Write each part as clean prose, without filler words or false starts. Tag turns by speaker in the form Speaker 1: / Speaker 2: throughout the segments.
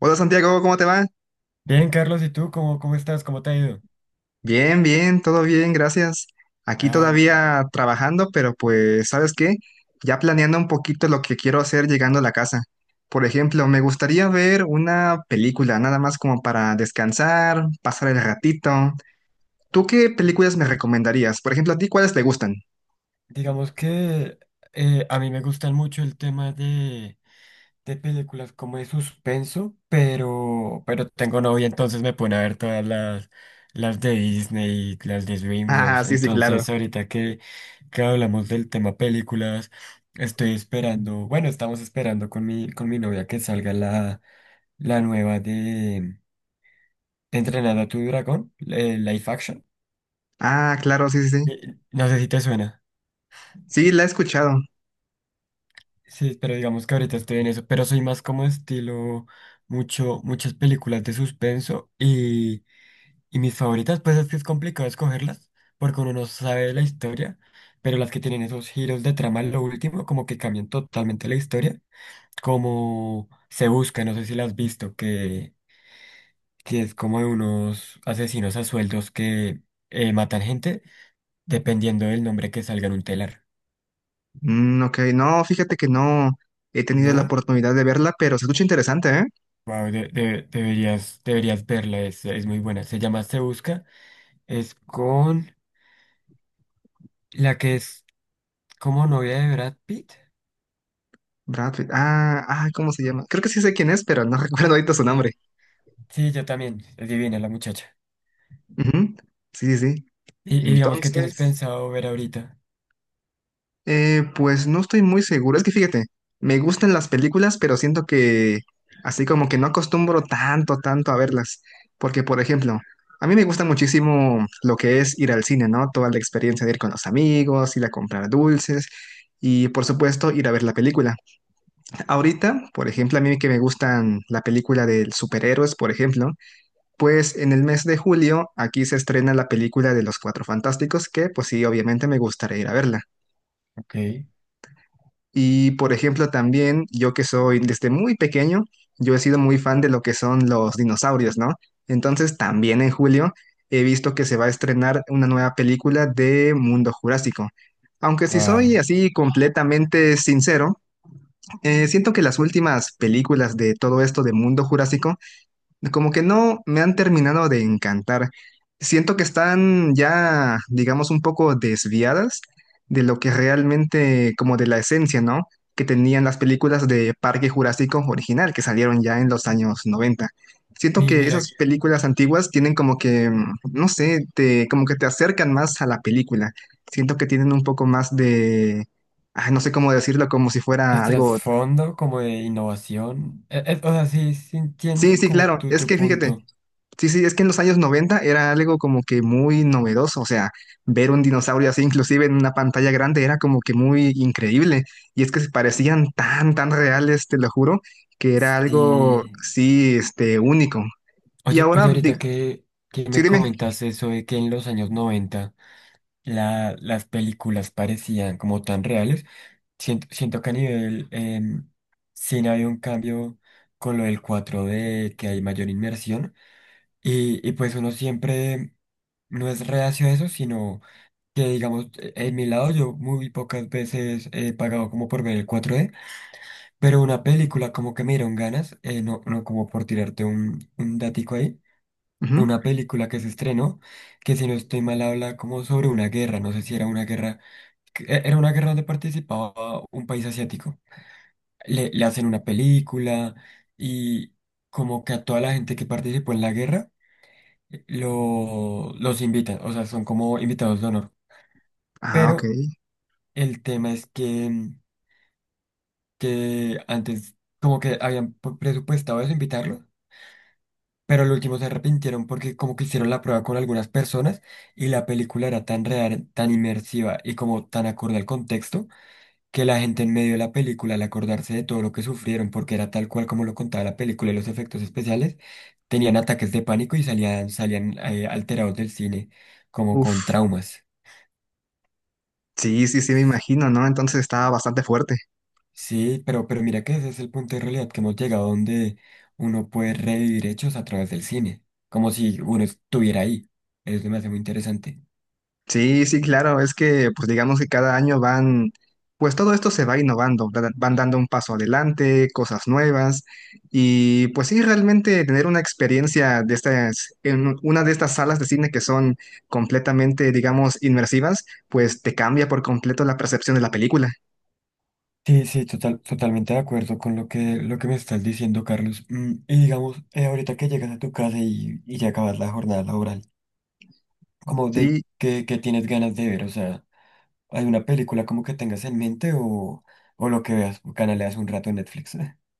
Speaker 1: Hola Santiago, ¿cómo te va?
Speaker 2: Bien, Carlos, ¿y tú cómo estás? ¿Cómo te ha ido?
Speaker 1: Bien, bien, todo bien, gracias. Aquí
Speaker 2: Ah, me-
Speaker 1: todavía trabajando, pero pues, ¿sabes qué? Ya planeando un poquito lo que quiero hacer llegando a la casa. Por ejemplo, me gustaría ver una película, nada más como para descansar, pasar el ratito. ¿Tú qué películas me recomendarías? Por ejemplo, ¿a ti cuáles te gustan?
Speaker 2: digamos que a mí me gustan mucho el tema de películas como de suspenso, pero tengo novia, entonces me pone a ver todas las de Disney, las de
Speaker 1: Ah,
Speaker 2: DreamWorks.
Speaker 1: sí, sí, claro.
Speaker 2: Entonces, ahorita que hablamos del tema películas, estoy esperando, bueno, estamos esperando con mi novia que salga la nueva de Entrenada a tu dragón, live action.
Speaker 1: Ah, claro, sí, sí, sí.
Speaker 2: No sé si te suena.
Speaker 1: Sí, la he escuchado.
Speaker 2: Sí, pero digamos que ahorita estoy en eso. Pero soy más como estilo muchas películas de suspenso y mis favoritas, pues es que es complicado escogerlas porque uno no sabe la historia, pero las que tienen esos giros de trama, lo último, como que cambian totalmente la historia. Como Se Busca, no sé si la has visto, que es como de unos asesinos a sueldos que matan gente dependiendo del nombre que salga en un telar,
Speaker 1: Mm, ok, no, fíjate que no he tenido la
Speaker 2: ¿no?
Speaker 1: oportunidad de verla, pero se escucha interesante, ¿eh?
Speaker 2: Wow, deberías verla, es muy buena. Se llama Se Busca, es con la que es como novia de Brad Pitt.
Speaker 1: Brad Pitt. Ah, ah, ¿cómo se llama? Creo que sí sé quién es, pero no recuerdo ahorita su
Speaker 2: Sí,
Speaker 1: nombre.
Speaker 2: Sí, yo también, es divina la muchacha.
Speaker 1: Ujú. Sí, sí, sí.
Speaker 2: Y digamos que tienes
Speaker 1: Entonces,
Speaker 2: pensado ver ahorita.
Speaker 1: pues no estoy muy seguro. Es que fíjate, me gustan las películas, pero siento que así como que no acostumbro tanto, tanto a verlas. Porque, por ejemplo, a mí me gusta muchísimo lo que es ir al cine, ¿no? Toda la experiencia de ir con los amigos, ir a comprar dulces y, por supuesto, ir a ver la película. Ahorita, por ejemplo, a mí que me gustan la película de superhéroes, por ejemplo. Pues en el mes de julio aquí se estrena la película de Los Cuatro Fantásticos, que pues sí, obviamente me gustaría ir a verla.
Speaker 2: Ok,
Speaker 1: Y por ejemplo también yo que soy desde muy pequeño, yo he sido muy fan de lo que son los dinosaurios, ¿no? Entonces también en julio he visto que se va a estrenar una nueva película de Mundo Jurásico. Aunque si
Speaker 2: wow.
Speaker 1: soy así completamente sincero, siento que las últimas películas de todo esto de Mundo Jurásico como que no me han terminado de encantar. Siento que están ya, digamos, un poco desviadas de lo que realmente, como de la esencia, ¿no? Que tenían las películas de Parque Jurásico original, que salieron ya en los años 90. Siento que
Speaker 2: Mira,
Speaker 1: esas películas antiguas tienen como que, mm, no sé, te, como que te acercan más a la película. Siento que tienen un poco más de, ay, no sé cómo decirlo, como si
Speaker 2: el
Speaker 1: fuera algo...
Speaker 2: trasfondo como de innovación. O sea, sí
Speaker 1: Sí,
Speaker 2: entiendo
Speaker 1: sí,
Speaker 2: como
Speaker 1: claro.
Speaker 2: tu,
Speaker 1: Es
Speaker 2: tu
Speaker 1: que fíjate.
Speaker 2: punto.
Speaker 1: Sí, sí, es que en los años 90 era algo como que muy novedoso, o sea, ver un dinosaurio así inclusive en una pantalla grande era como que muy increíble, y es que se parecían tan, tan reales, te lo juro, que era algo,
Speaker 2: Sí.
Speaker 1: sí, este, único. Y
Speaker 2: Oye,
Speaker 1: ahora,
Speaker 2: oye, ahorita que
Speaker 1: sí,
Speaker 2: me
Speaker 1: dime.
Speaker 2: comentas eso de que en los años 90 las películas parecían como tan reales. Siento que a nivel cine había un cambio con lo del cuatro d que hay mayor inmersión. Y pues uno siempre no es reacio a eso, sino que digamos, en mi lado yo muy pocas veces he pagado como por ver el cuatro d, pero una película como que me dieron ganas, no, no como por tirarte un datico ahí.
Speaker 1: Ujú.
Speaker 2: Una película que se estrenó, que si no estoy mal habla como sobre una guerra, no sé si era una guerra era una guerra donde participaba un país asiático. Le hacen una película y como que a toda la gente que participó en la guerra los invitan, o sea, son como invitados de honor.
Speaker 1: Ah, ok.
Speaker 2: Pero el tema es que, que antes como que habían presupuestado eso, invitarlo, pero al último se arrepintieron porque como que hicieron la prueba con algunas personas y la película era tan real, tan inmersiva y como tan acorde al contexto que la gente en medio de la película, al acordarse de todo lo que sufrieron, porque era tal cual como lo contaba la película y los efectos especiales, tenían ataques de pánico y salían alterados del cine, como con
Speaker 1: Uf,
Speaker 2: traumas.
Speaker 1: sí, sí, sí, me imagino, ¿no? Entonces estaba bastante fuerte.
Speaker 2: Sí, pero mira que ese es el punto de realidad que hemos llegado donde uno puede revivir hechos a través del cine, como si uno estuviera ahí. Eso me hace muy interesante.
Speaker 1: Sí, sí, claro, es que pues digamos que cada año van, pues todo esto se va innovando, van dando un paso adelante, cosas nuevas y pues sí, realmente tener una experiencia de estas, en una de estas salas de cine que son completamente, digamos, inmersivas, pues te cambia por completo la percepción de la película.
Speaker 2: Sí, sí, totalmente de acuerdo con lo que me estás diciendo, Carlos. Mm, y digamos, ahorita que llegas a tu casa y ya acabas la jornada laboral, como de
Speaker 1: Sí.
Speaker 2: qué tienes ganas de ver, o sea, ¿hay una película como que tengas en mente o lo que veas, canaleas un rato en Netflix?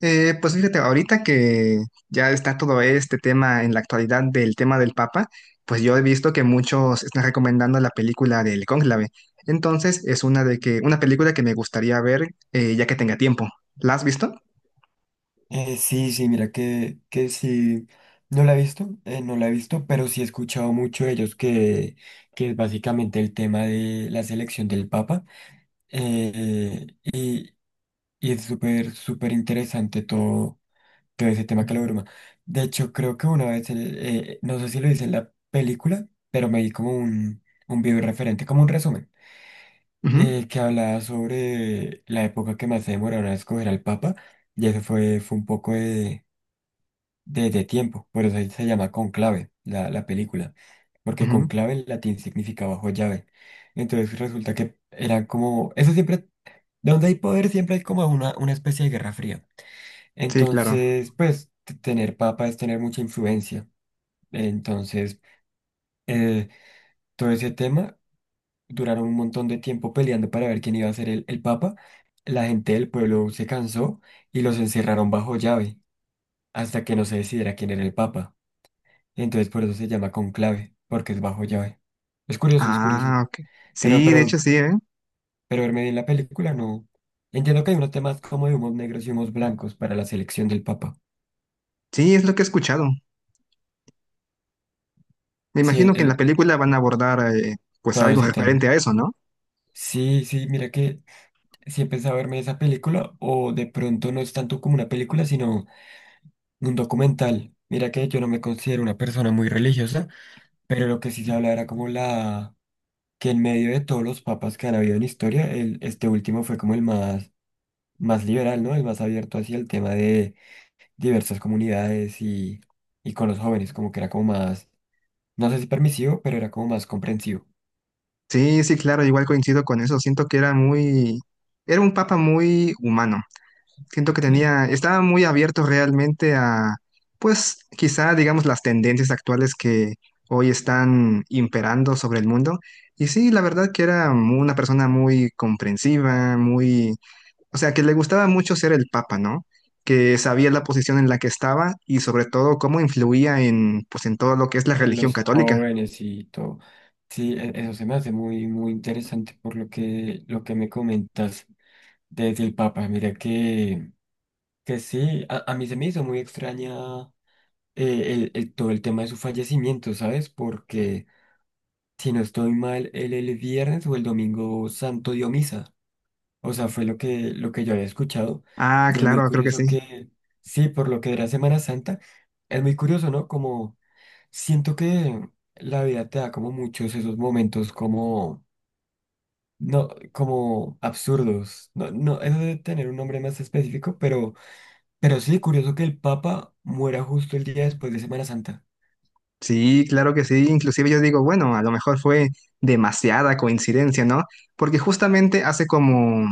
Speaker 1: Pues fíjate, ahorita que ya está todo este tema en la actualidad del tema del Papa, pues yo he visto que muchos están recomendando la película del Cónclave. Entonces es una de que, una película que me gustaría ver ya que tenga tiempo. ¿La has visto?
Speaker 2: Sí, sí, mira que sí, no la he visto, no la he visto, pero sí he escuchado mucho de ellos que es básicamente el tema de la selección del Papa, eh, y, y es súper interesante todo ese tema que lo bruma. De hecho, creo que una vez, no sé si lo hice en la película, pero me di como un video referente, como un resumen,
Speaker 1: Ujú,
Speaker 2: que hablaba sobre la época que más se demoraron a escoger al Papa, y eso fue un poco de tiempo, por eso se llama Conclave, la película, porque
Speaker 1: ujú.
Speaker 2: conclave en latín significa bajo llave. Entonces resulta que eran como, eso siempre, donde hay poder siempre hay como una especie de guerra fría.
Speaker 1: Sí, claro.
Speaker 2: Entonces, pues tener papa es tener mucha influencia. Entonces, eh, todo ese tema duraron un montón de tiempo peleando para ver quién iba a ser el papa. La gente del pueblo se cansó y los encerraron bajo llave hasta que no se decidiera quién era el papa. Entonces, por eso se llama conclave, porque es bajo llave. Es curioso, es curioso.
Speaker 1: Ah, ok.
Speaker 2: Pero,
Speaker 1: Sí, de hecho
Speaker 2: pero,
Speaker 1: sí, ¿eh?
Speaker 2: pero verme bien la película, no. Entiendo que hay unos temas como de humos negros y humos blancos para la selección del papa.
Speaker 1: Sí, es lo que he escuchado. Me
Speaker 2: Sí,
Speaker 1: imagino que en la película van a abordar pues
Speaker 2: todo
Speaker 1: algo
Speaker 2: ese tema.
Speaker 1: referente a eso, ¿no?
Speaker 2: Sí, sí, mira que sí he pensado verme esa película o de pronto no es tanto como una película, sino un documental. Mira que yo no me considero una persona muy religiosa, pero lo que sí se habla era como la que en medio de todos los papas que han habido en historia, el, este último fue como el más, más liberal, ¿no? El más abierto hacia el tema de diversas comunidades y con los jóvenes, como que era como más, no sé si permisivo, pero era como más comprensivo.
Speaker 1: Sí, sí, claro, igual coincido con eso. Siento que era muy, era un papa muy humano. Siento que
Speaker 2: ¿Sí?
Speaker 1: tenía, estaba muy abierto realmente a, pues, quizá, digamos, las tendencias actuales que hoy están imperando sobre el mundo. Y sí, la verdad que era una persona muy comprensiva, muy, o sea, que le gustaba mucho ser el papa, ¿no? Que sabía la posición en la que estaba y sobre todo cómo influía en, pues, en todo lo que es la
Speaker 2: En
Speaker 1: religión
Speaker 2: los
Speaker 1: católica.
Speaker 2: jóvenes y todo. Sí, eso se me hace muy interesante por lo que me comentas desde el Papa. Mira que sí, a mí se me hizo muy extraña todo el tema de su fallecimiento, ¿sabes? Porque si no estoy mal, él el viernes o el domingo santo dio misa. O sea, fue lo que yo había escuchado.
Speaker 1: Ah,
Speaker 2: Y es muy
Speaker 1: claro, creo que sí.
Speaker 2: curioso que, sí, por lo que era Semana Santa, es muy curioso, ¿no? Como Siento que la vida te da como muchos esos momentos como, no, como absurdos. No, no, eso debe tener un nombre más específico, pero sí, curioso que el Papa muera justo el día después de Semana Santa.
Speaker 1: Sí, claro que sí. Inclusive yo digo, bueno, a lo mejor fue demasiada coincidencia, ¿no? Porque justamente hace como,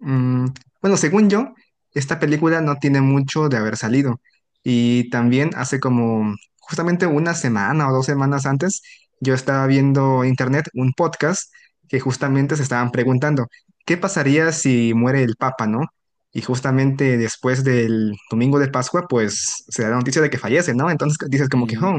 Speaker 1: mm, bueno, según yo, esta película no tiene mucho de haber salido. Y también hace como justamente una semana o dos semanas antes, yo estaba viendo en internet un podcast que justamente se estaban preguntando, ¿qué pasaría si muere el Papa, ¿no? Y justamente después del domingo de Pascua, pues se da la noticia de que fallece, ¿no? Entonces dices como que, oh,
Speaker 2: Sí,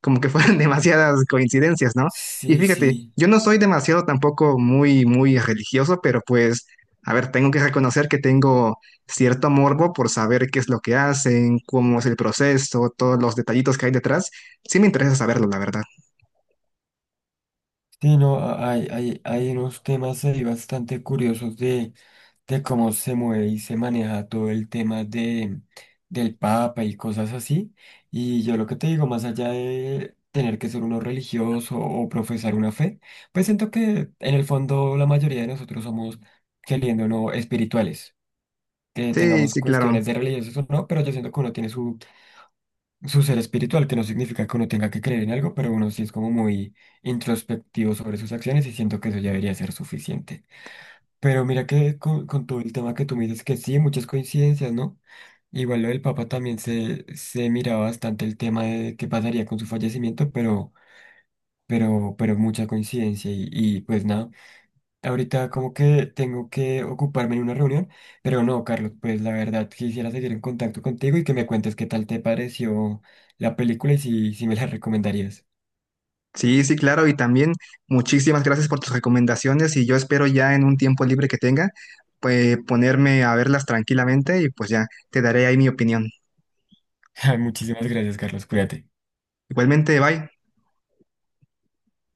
Speaker 1: como que fueran demasiadas coincidencias, ¿no? Y
Speaker 2: sí,
Speaker 1: fíjate,
Speaker 2: sí.
Speaker 1: yo no soy demasiado tampoco muy, muy religioso, pero pues, a ver, tengo que reconocer que tengo cierto morbo por saber qué es lo que hacen, cómo es el proceso, todos los detallitos que hay detrás. Sí me interesa saberlo, la verdad.
Speaker 2: Sí, no, hay unos temas ahí bastante curiosos de cómo se mueve y se maneja todo el tema del Papa y cosas así. Y yo lo que te digo, más allá de tener que ser uno religioso o profesar una fe, pues siento que en el fondo la mayoría de nosotros somos, queriendo o no, espirituales. Que
Speaker 1: Sí,
Speaker 2: tengamos
Speaker 1: sí, claro.
Speaker 2: cuestiones de religiosas o no, pero yo siento que uno tiene su ser espiritual, que no significa que uno tenga que creer en algo, pero uno sí es como muy introspectivo sobre sus acciones y siento que eso ya debería ser suficiente. Pero mira que con todo el tema que tú me dices que sí, muchas coincidencias, ¿no? Igual lo del Papa también se miraba bastante el tema de qué pasaría con su fallecimiento, pero mucha coincidencia y pues nada, ahorita como que tengo que ocuparme en una reunión, pero no, Carlos, pues la verdad quisiera seguir en contacto contigo y que me cuentes qué tal te pareció la película y si me la recomendarías.
Speaker 1: Sí, sí, claro. Y también muchísimas gracias por tus recomendaciones y yo espero ya en un tiempo libre que tenga, pues ponerme a verlas tranquilamente y pues ya te daré ahí mi opinión.
Speaker 2: Muchísimas gracias, Carlos, cuídate.
Speaker 1: Igualmente, bye.